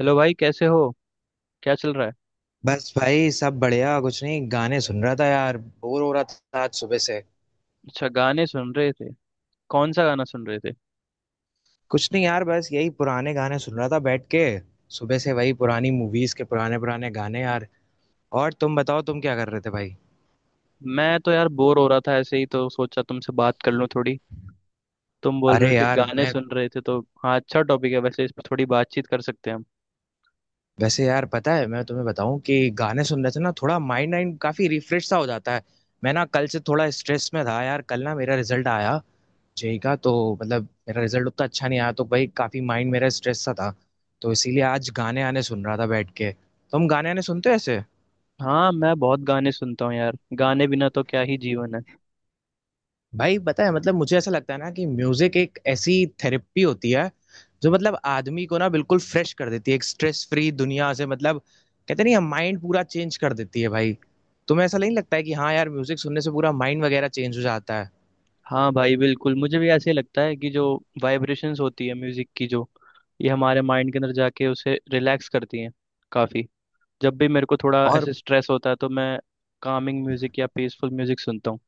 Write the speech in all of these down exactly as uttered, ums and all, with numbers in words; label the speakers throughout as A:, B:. A: Hello भाई, कैसे हो। क्या चल रहा है।
B: बस भाई सब बढ़िया। कुछ नहीं, गाने सुन रहा था यार, बोर हो रहा था आज सुबह से।
A: अच्छा, गाने सुन रहे थे। कौन सा गाना सुन रहे थे।
B: कुछ नहीं यार, बस यही पुराने गाने सुन रहा था बैठ के। सुबह से वही पुरानी मूवीज के पुराने पुराने गाने यार। और तुम बताओ, तुम क्या कर रहे थे भाई।
A: मैं तो यार बोर हो रहा था, ऐसे ही तो सोचा तुमसे बात कर लूं थोड़ी। तुम बोल रहे
B: अरे
A: हो कि
B: यार
A: गाने
B: मैं।
A: सुन रहे थे तो हाँ, अच्छा टॉपिक है वैसे, इस पर थोड़ी बातचीत कर सकते हैं हम।
B: वैसे यार पता है, मैं तुम्हें बताऊं कि गाने सुनने से ना थोड़ा माइंड वाइंड काफी रिफ्रेश सा हो जाता है। मैं ना कल से थोड़ा स्ट्रेस में था यार। कल ना मेरा रिजल्ट आया, जेई का। तो मतलब मेरा रिजल्ट उतना अच्छा नहीं आया, तो भाई काफी माइंड मेरा स्ट्रेस सा था। तो इसीलिए आज गाने आने सुन रहा था बैठ के। तुम गाने आने सुनते हो ऐसे।
A: हाँ, मैं बहुत गाने सुनता हूँ यार, गाने बिना तो क्या ही जीवन है।
B: भाई पता है, मतलब मुझे ऐसा लगता है ना कि म्यूजिक एक ऐसी थेरेपी होती है जो मतलब आदमी को ना बिल्कुल फ्रेश कर देती है। एक स्ट्रेस फ्री दुनिया से मतलब कहते नहीं, माइंड पूरा चेंज कर देती है भाई। तुम्हें ऐसा नहीं लगता है कि हाँ यार म्यूजिक सुनने से पूरा माइंड वगैरह चेंज हो जाता है।
A: हाँ भाई, बिल्कुल मुझे भी ऐसे ही लगता है कि जो वाइब्रेशंस होती है म्यूजिक की, जो ये हमारे माइंड के अंदर जाके उसे रिलैक्स करती हैं काफी। जब भी मेरे को थोड़ा
B: और
A: ऐसे स्ट्रेस होता है तो मैं कामिंग म्यूजिक या पीसफुल म्यूजिक सुनता हूँ।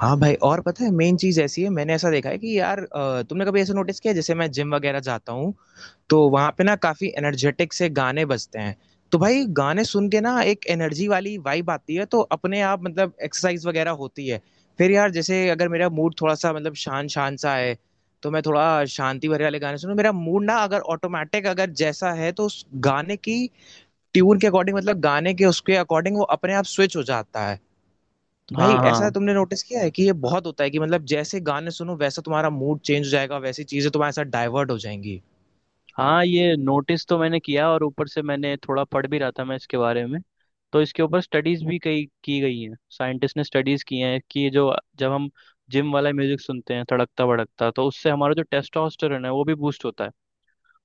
B: हाँ भाई, और पता है मेन चीज ऐसी है, मैंने ऐसा देखा है कि यार अ, तुमने कभी ऐसा नोटिस किया, जैसे मैं जिम वगैरह जाता हूँ तो वहाँ पे ना काफ़ी एनर्जेटिक से गाने बजते हैं। तो भाई गाने सुन के ना एक एनर्जी वाली वाइब आती है तो अपने आप मतलब एक्सरसाइज़ वग़ैरह होती है। फिर यार जैसे अगर मेरा मूड थोड़ा-सा मतलब शान-शान सा है, तो मैं थोड़ा शांति भरे वाले गाने सुनूँ। मेरा मूड ना अगर ऑटोमैटिक अगर जैसा है तो उस गाने की ट्यून के अकॉर्डिंग, मतलब गाने के उसके अकॉर्डिंग वो अपने आप स्विच हो जाता है। तो भाई
A: हाँ,
B: ऐसा
A: हाँ।
B: तुमने नोटिस किया है कि ये बहुत होता है कि मतलब जैसे गाने सुनो वैसा तुम्हारा मूड चेंज हो जाएगा, वैसी चीज़ें तुम्हारे साथ डाइवर्ट हो जाएँगी।
A: हाँ, ये नोटिस तो मैंने किया, और ऊपर से मैंने थोड़ा पढ़ भी रहा था मैं इसके बारे में। तो इसके ऊपर स्टडीज भी कई की गई हैं, साइंटिस्ट ने स्टडीज की हैं कि ये जो, जब हम जिम वाला म्यूजिक सुनते हैं धड़कता भड़कता, तो उससे हमारा जो टेस्टोस्टेरोन है वो भी बूस्ट होता है।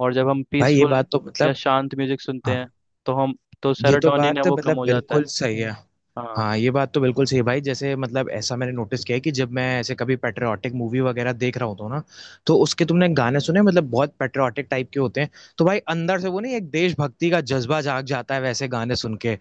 A: और जब हम
B: भाई ये
A: पीसफुल
B: बात तो
A: या
B: मतलब
A: शांत म्यूजिक सुनते हैं
B: हाँ।
A: तो हम, तो
B: ये तो
A: सेरोटोनिन है
B: बात
A: वो कम
B: मतलब
A: हो जाता है।
B: बिल्कुल सही है।
A: हाँ।
B: हाँ, ये बात तो बिल्कुल सही है भाई। जैसे मतलब ऐसा मैंने नोटिस किया है कि जब मैं ऐसे कभी पेट्रियाटिक मूवी वगैरह देख रहा होता हूँ ना, तो उसके तुमने गाने सुने मतलब बहुत पेट्रियाटिक टाइप के होते हैं। तो भाई अंदर से वो नहीं एक देशभक्ति का जज्बा जाग जाता है वैसे गाने सुन के।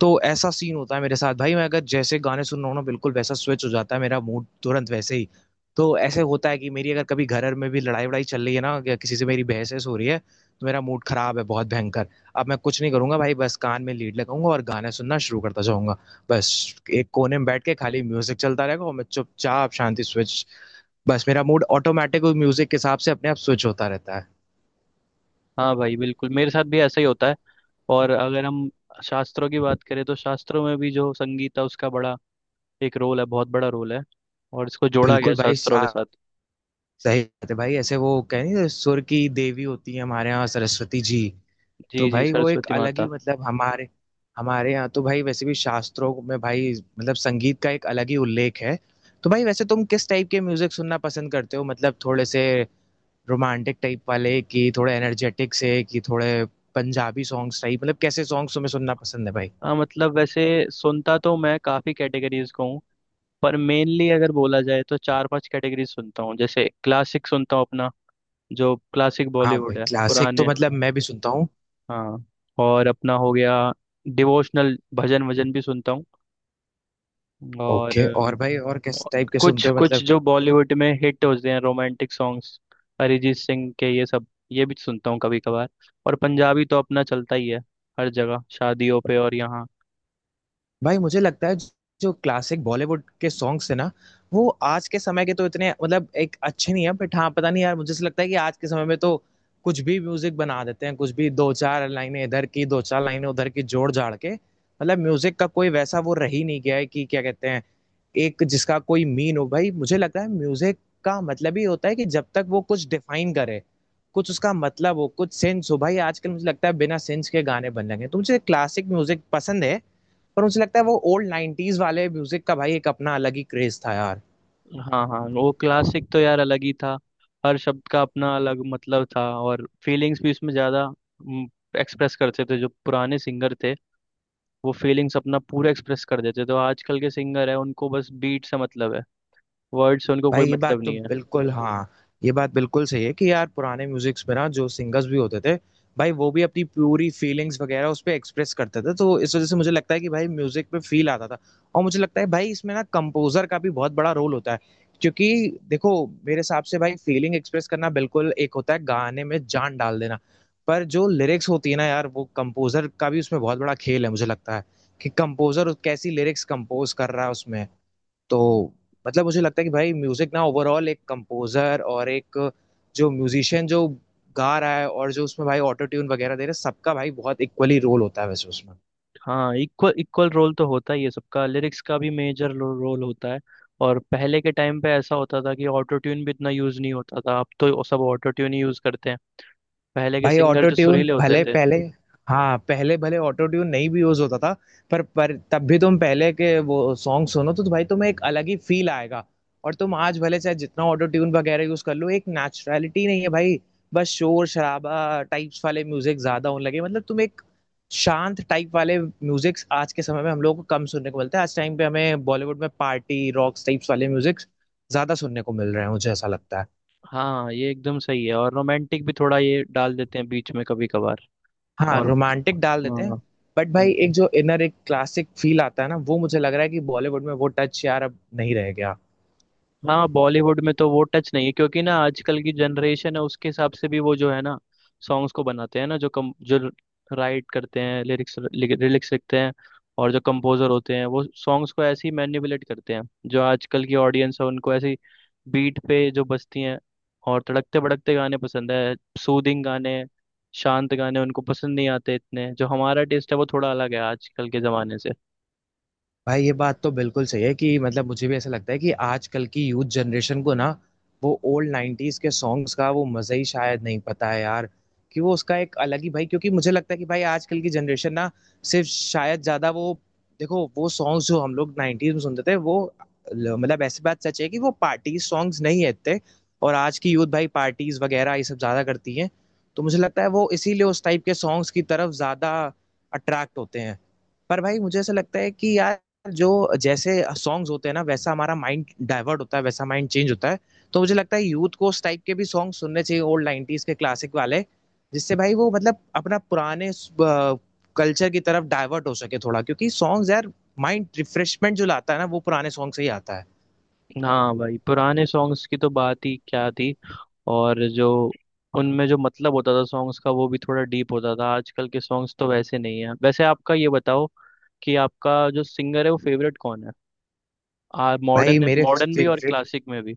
B: तो ऐसा सीन होता है मेरे साथ भाई, मैं अगर जैसे गाने सुन रहा हूँ ना बिल्कुल वैसा स्विच हो जाता है मेरा मूड तुरंत वैसे ही। तो ऐसे होता है कि मेरी अगर कभी घर में भी लड़ाई वड़ाई चल रही है ना, या किसी से मेरी बहस वहस हो रही है, तो मेरा मूड खराब है बहुत भयंकर। अब मैं कुछ नहीं करूंगा भाई, बस कान में लीड लगाऊंगा और गाने सुनना शुरू करता जाऊंगा। बस एक कोने में बैठ के खाली म्यूजिक चलता रहेगा और मैं चुपचाप शांति स्विच। बस मेरा मूड ऑटोमेटिक म्यूजिक के हिसाब से अपने आप स्विच होता रहता है।
A: हाँ भाई, बिल्कुल मेरे साथ भी ऐसा ही होता है। और अगर हम शास्त्रों की बात करें, तो शास्त्रों में भी जो संगीत है उसका बड़ा एक रोल है, बहुत बड़ा रोल है। और इसको जोड़ा गया है
B: बिल्कुल भाई
A: शास्त्रों
B: शा-
A: के साथ।
B: सही बात है भाई। ऐसे वो कह नहीं सुर की देवी होती है हमारे यहाँ सरस्वती जी।
A: जी
B: तो
A: जी,
B: भाई वो एक
A: सरस्वती
B: अलग ही
A: माता।
B: मतलब हमारे हमारे यहाँ तो भाई वैसे भी शास्त्रों में भाई मतलब संगीत का एक अलग ही उल्लेख है। तो भाई वैसे तुम किस टाइप के म्यूजिक सुनना पसंद करते हो, मतलब थोड़े से रोमांटिक टाइप वाले कि थोड़े एनर्जेटिक से कि थोड़े पंजाबी सॉन्ग्स टाइप, मतलब कैसे सॉन्ग्स तुम्हें सुनना पसंद है भाई।
A: हाँ, मतलब वैसे सुनता तो मैं काफ़ी कैटेगरीज को हूँ, पर मेनली अगर बोला जाए तो चार पांच कैटेगरी सुनता हूँ। जैसे क्लासिक सुनता हूँ अपना, जो क्लासिक
B: हाँ भाई,
A: बॉलीवुड है
B: क्लासिक तो
A: पुराने।
B: मतलब मैं भी सुनता हूँ।
A: हाँ। और अपना हो गया डिवोशनल, भजन वजन भी सुनता हूँ। और
B: ओके, और भाई और किस टाइप के
A: कुछ
B: सुनते हो
A: कुछ
B: मतलब।
A: जो बॉलीवुड में हिट होते हैं रोमांटिक सॉन्ग्स, अरिजीत सिंह के ये सब, ये भी सुनता हूँ कभी कभार। और पंजाबी तो अपना चलता ही है हर जगह, शादियों पे और यहाँ।
B: भाई मुझे लगता है जो क्लासिक बॉलीवुड के सॉन्ग्स है ना, वो आज के समय के तो इतने मतलब एक अच्छे नहीं है। बट हाँ पता नहीं यार, मुझे ऐसा लगता है कि आज के समय में तो कुछ भी म्यूजिक बना देते हैं, कुछ भी दो चार लाइनें इधर की दो चार लाइनें उधर की जोड़ जाड़ के, मतलब म्यूजिक का कोई वैसा वो रह ही नहीं गया है, कि क्या कहते हैं एक जिसका कोई मीन हो। भाई मुझे लगता है म्यूजिक का मतलब ही होता है कि जब तक वो कुछ डिफाइन करे, कुछ उसका मतलब हो, कुछ सेंस हो। भाई आजकल मुझे लगता है बिना सेंस के गाने बन रहे हैं, तो मुझे क्लासिक म्यूजिक पसंद है। पर मुझे लगता है वो ओल्ड नाइन्टीज वाले म्यूजिक का भाई एक अपना अलग ही क्रेज था यार।
A: हाँ हाँ, वो क्लासिक तो यार अलग ही था। हर शब्द का अपना अलग मतलब था, और फीलिंग्स भी उसमें ज़्यादा एक्सप्रेस करते थे जो पुराने सिंगर थे। वो फीलिंग्स अपना पूरा एक्सप्रेस कर देते थे। तो आजकल के सिंगर है उनको बस बीट से मतलब है, वर्ड से उनको कोई
B: भाई ये बात
A: मतलब
B: तो
A: नहीं है।
B: बिल्कुल हाँ, ये बात बिल्कुल सही है कि यार पुराने म्यूजिक्स में ना जो सिंगर्स भी होते थे, भाई वो भी अपनी पूरी फीलिंग्स वगैरह उस पर एक्सप्रेस करते थे, तो इस वजह से मुझे लगता है कि भाई म्यूजिक में फील आता था। और मुझे लगता है भाई इसमें ना कंपोजर का भी बहुत बड़ा रोल होता है। क्योंकि देखो, मेरे हिसाब से भाई फीलिंग एक्सप्रेस करना बिल्कुल एक होता है गाने में जान डाल देना। पर जो लिरिक्स होती है ना यार, वो कंपोजर का भी उसमें बहुत बड़ा खेल है मुझे लगता है, कि कंपोजर कैसी लिरिक्स कंपोज कर रहा है उसमें। तो मतलब मुझे लगता है कि भाई म्यूजिक ना ओवरऑल एक कंपोजर और एक जो म्यूजिशियन जो गा रहा है और जो उसमें भाई ऑटो ट्यून वगैरह दे रहे हैं सबका भाई बहुत इक्वली रोल होता है वैसे उसमें।
A: हाँ, इक्वल इक्वल रोल तो होता ही है सबका, लिरिक्स का भी मेजर रोल होता है। और पहले के टाइम पे ऐसा होता था कि ऑटो ट्यून भी इतना यूज नहीं होता था, अब तो सब ऑटो ट्यून ही यूज करते हैं। पहले के
B: भाई
A: सिंगर
B: ऑटो
A: जो
B: ट्यून
A: सुरीले होते
B: भले
A: थे।
B: पहले, हाँ पहले भले ऑटो ट्यून नहीं भी यूज होता था, पर पर तब भी तुम पहले के वो सॉन्ग सुनो तो, भाई तुम्हें एक अलग ही फील आएगा। और तुम आज भले चाहे जितना ऑटो ट्यून वगैरह यूज कर लो, एक नेचुरलिटी नहीं है भाई। बस शोर शराबा टाइप्स वाले म्यूजिक ज्यादा होने लगे, मतलब तुम एक शांत टाइप वाले म्यूजिक आज के समय में हम लोग को कम सुनने को मिलते हैं। आज टाइम पे हमें बॉलीवुड में पार्टी रॉक्स टाइप्स वाले म्यूजिक ज्यादा सुनने को मिल रहे हैं, मुझे ऐसा लगता है।
A: हाँ, ये एकदम सही है। और रोमांटिक भी थोड़ा ये डाल देते हैं बीच में कभी कभार।
B: हाँ, रोमांटिक डाल देते हैं।
A: और
B: बट भाई एक जो इनर एक क्लासिक फील आता है ना, वो मुझे लग रहा है कि बॉलीवुड में वो टच यार अब नहीं रह गया।
A: हाँ, बॉलीवुड में तो वो टच नहीं है, क्योंकि ना आजकल की जनरेशन है उसके हिसाब से भी वो जो है ना, सॉन्ग्स को बनाते हैं ना, जो कम जो राइट करते हैं लिरिक्स, लिरिक्स लिखते हैं। और जो कंपोजर होते हैं वो सॉन्ग्स को ऐसे ही मैनिपुलेट करते हैं। जो आजकल की ऑडियंस है उनको ऐसी बीट पे जो बजती हैं और तड़कते भड़कते गाने पसंद है। सूदिंग गाने, शांत गाने उनको पसंद नहीं आते इतने। जो हमारा टेस्ट है वो थोड़ा अलग है आजकल के ज़माने से।
B: भाई ये बात तो बिल्कुल सही है कि मतलब मुझे भी ऐसा लगता है कि आजकल की यूथ जनरेशन को ना वो ओल्ड नाइन्टीज के सॉन्ग्स का वो मज़ा ही शायद नहीं पता है यार, कि वो उसका एक अलग ही भाई। क्योंकि मुझे लगता है कि भाई आजकल की जनरेशन ना सिर्फ शायद ज़्यादा वो, देखो वो सॉन्ग्स जो हम लोग नाइन्टीज में सुनते थे वो ल- मतलब ऐसी बात सच है कि वो पार्टी सॉन्ग्स नहीं है इतने। और आज की यूथ भाई पार्टीज वगैरह ये सब ज़्यादा करती हैं, तो मुझे लगता है वो इसीलिए उस टाइप के सॉन्ग्स की तरफ ज़्यादा अट्रैक्ट होते हैं। पर भाई मुझे ऐसा लगता है कि यार जो जैसे सॉन्ग्स होते हैं ना, वैसा हमारा माइंड डाइवर्ट होता है, वैसा माइंड चेंज होता है। तो मुझे लगता है यूथ को उस टाइप के भी सॉन्ग सुनने चाहिए, ओल्ड नाइन्टीज के क्लासिक वाले, जिससे भाई वो मतलब अपना पुराने कल्चर की तरफ डाइवर्ट हो सके थोड़ा, क्योंकि सॉन्ग्स यार माइंड रिफ्रेशमेंट जो लाता है ना वो पुराने सॉन्ग से ही आता है।
A: हाँ भाई, पुराने सॉन्ग्स की तो बात ही क्या थी। और जो उनमें जो मतलब होता था सॉन्ग्स का वो भी थोड़ा डीप होता था, आजकल के सॉन्ग्स तो वैसे नहीं है। वैसे आपका ये बताओ, कि आपका जो सिंगर है वो फेवरेट कौन है। आ
B: भाई
A: मॉडर्न,
B: मेरे
A: मॉडर्न भी और
B: फेवरेट,
A: क्लासिक में भी।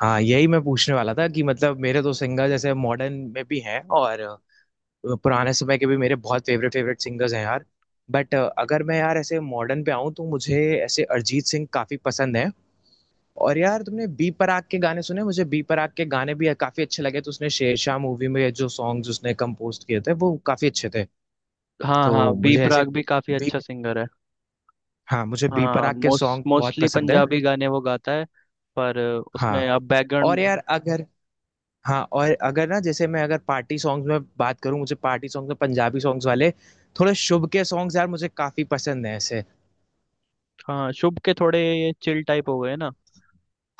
B: हाँ यही मैं पूछने वाला था कि मतलब मेरे तो सिंगर जैसे मॉडर्न में भी हैं और पुराने समय के भी मेरे बहुत फेवरेट फेवरेट सिंगर्स हैं यार। बट अगर मैं यार ऐसे मॉडर्न पे आऊँ तो मुझे ऐसे अरिजीत सिंह काफी पसंद है। और यार तुमने बी पराग के गाने सुने, मुझे बी पराग के गाने भी काफी अच्छे लगे। तो उसने शेरशाह मूवी में जो सॉन्ग्स उसने कंपोज किए थे वो काफी अच्छे थे।
A: हाँ हाँ,
B: तो
A: बी
B: मुझे ऐसे
A: प्राक भी काफी
B: बी,
A: अच्छा सिंगर है।
B: हाँ मुझे बी
A: हाँ,
B: पराग के
A: मोस्ट
B: सॉन्ग बहुत
A: मोस्टली
B: पसंद है।
A: पंजाबी गाने वो गाता है, पर उसमें
B: हाँ,
A: अब
B: और
A: बैकग्राउंड।
B: यार अगर, हाँ और अगर ना जैसे मैं अगर पार्टी सॉन्ग्स में बात करूँ, मुझे पार्टी सॉन्ग्स में पंजाबी सॉन्ग्स वाले थोड़े शुभ के सॉन्ग्स यार मुझे काफी पसंद है ऐसे।
A: हाँ, शुभ के थोड़े ये चिल टाइप हो गए ना।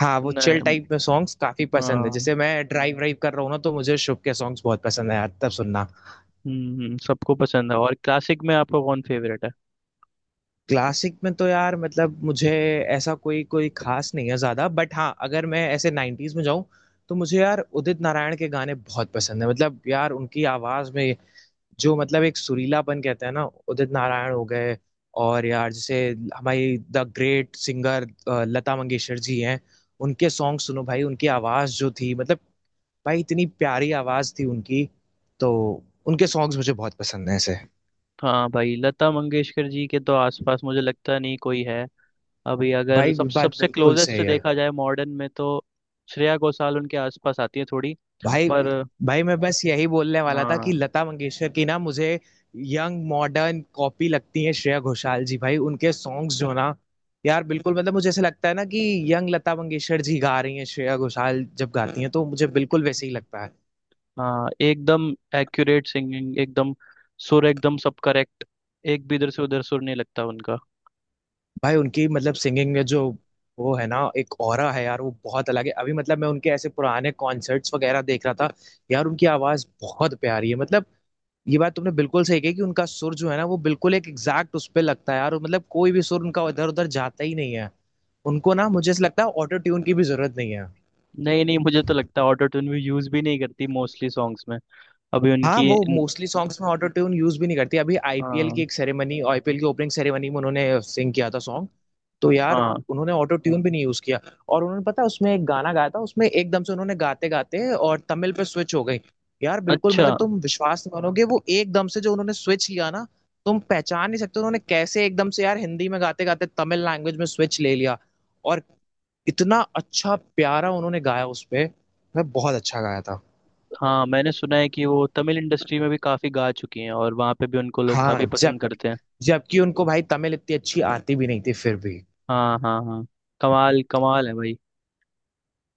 B: हाँ, वो चिल
A: नहीं।
B: टाइप में सॉन्ग्स काफ़ी पसंद है।
A: हाँ।
B: जैसे मैं ड्राइव वाइव कर रहा हूँ ना, तो मुझे शुभ के सॉन्ग्स बहुत पसंद है यार तब सुनना।
A: हम्म हम्म, सबको पसंद है। और क्लासिक में आपका कौन फेवरेट है।
B: क्लासिक में तो यार मतलब मुझे ऐसा कोई कोई ख़ास नहीं है ज़्यादा, बट हाँ, अगर मैं ऐसे नाइन्टीज में जाऊँ तो मुझे यार उदित नारायण के गाने बहुत पसंद है। मतलब यार उनकी आवाज़ में जो मतलब एक सुरीलापन कहते हैं ना, उदित नारायण हो गए। और यार जैसे हमारी the great singer uh, Lata Mangeshkar ji हैं। उनके सॉन्ग सुनो भाई, उनकी आवाज़ जो थी मतलब, भाई इतनी प्यारी आवाज़ थी उनकी, तो उनके सॉन्ग्स मुझे बहुत पसंद हैं ऐसे।
A: हाँ भाई, लता मंगेशकर जी के तो आसपास मुझे लगता नहीं कोई है। अभी अगर
B: भाई
A: सब
B: बात
A: सबसे
B: बिल्कुल
A: क्लोजेस्ट
B: सही है।
A: देखा जाए मॉडर्न में, तो श्रेया घोषाल उनके आसपास आती है थोड़ी।
B: भाई,
A: पर
B: भाई मैं बस यही बोलने वाला था
A: हाँ।
B: कि लता मंगेशकर की ना मुझे यंग मॉडर्न कॉपी लगती है श्रेया घोषाल जी। भाई उनके सॉन्ग्स जो ना यार बिल्कुल मतलब मुझे ऐसा लगता है ना कि यंग लता मंगेशकर जी गा रही हैं श्रेया घोषाल जब गाती हैं तो मुझे बिल्कुल वैसे ही लगता है।
A: हाँ एकदम, एक्यूरेट सिंगिंग एकदम। सुर एकदम सब करेक्ट, एक भी इधर से उधर सुर नहीं लगता उनका।
B: भाई उनकी मतलब सिंगिंग में जो वो है ना एक ऑरा है यार वो बहुत अलग है। अभी मतलब मैं उनके ऐसे पुराने कॉन्सर्ट्स वगैरह देख रहा था यार, उनकी आवाज बहुत प्यारी है मतलब। ये बात तुमने बिल्कुल सही कही कि उनका सुर जो है ना वो बिल्कुल एक एग्जैक्ट उस पे लगता है यार, और मतलब कोई भी सुर उनका इधर उधर जाता ही नहीं है। उनको ना मुझे ऐसा लगता है ऑटो ट्यून की भी जरूरत नहीं है।
A: नहीं नहीं, मुझे तो लगता है ऑटो ट्यून भी यूज भी नहीं करती मोस्टली सॉन्ग्स में। अभी
B: हाँ
A: उनकी
B: वो
A: इन-
B: मोस्टली सॉन्ग्स में ऑटो ट्यून यूज भी नहीं करती। अभी आईपीएल की
A: हाँ।
B: एक सेरेमनी, आईपीएल की ओपनिंग सेरेमनी में उन्होंने सिंग किया था सॉन्ग, तो यार
A: हाँ।
B: उन्होंने ऑटो ट्यून भी नहीं यूज किया। और उन्होंने पता है, उसमें एक गाना गाया था उसमें एकदम से उन्होंने गाते गाते और तमिल पे स्विच हो गई। यार बिल्कुल
A: अच्छा।
B: मतलब तुम विश्वास नहीं मानोगे वो एकदम से जो उन्होंने स्विच किया ना, तुम पहचान नहीं सकते उन्होंने कैसे एकदम से यार हिंदी में गाते गाते तमिल लैंग्वेज में स्विच ले लिया। और इतना अच्छा प्यारा उन्होंने गाया उस पे, मैं, बहुत अच्छा गाया था।
A: हाँ, मैंने सुना है कि वो तमिल इंडस्ट्री में भी काफी गा चुकी हैं, और वहाँ पे भी उनको लोग
B: हाँ,
A: काफी पसंद
B: जब,
A: करते हैं।
B: जबकि उनको भाई तमिल इतनी अच्छी आती भी नहीं थी फिर भी।
A: हाँ हाँ हाँ, कमाल कमाल है भाई।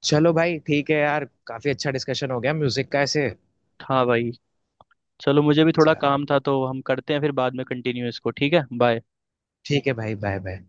B: चलो भाई ठीक है यार, काफी अच्छा डिस्कशन हो गया म्यूजिक का ऐसे।
A: हाँ भाई। चलो, मुझे भी थोड़ा
B: चलो
A: काम था, तो हम करते हैं फिर बाद में कंटिन्यू इसको, ठीक है। बाय।
B: ठीक है भाई, बाय बाय।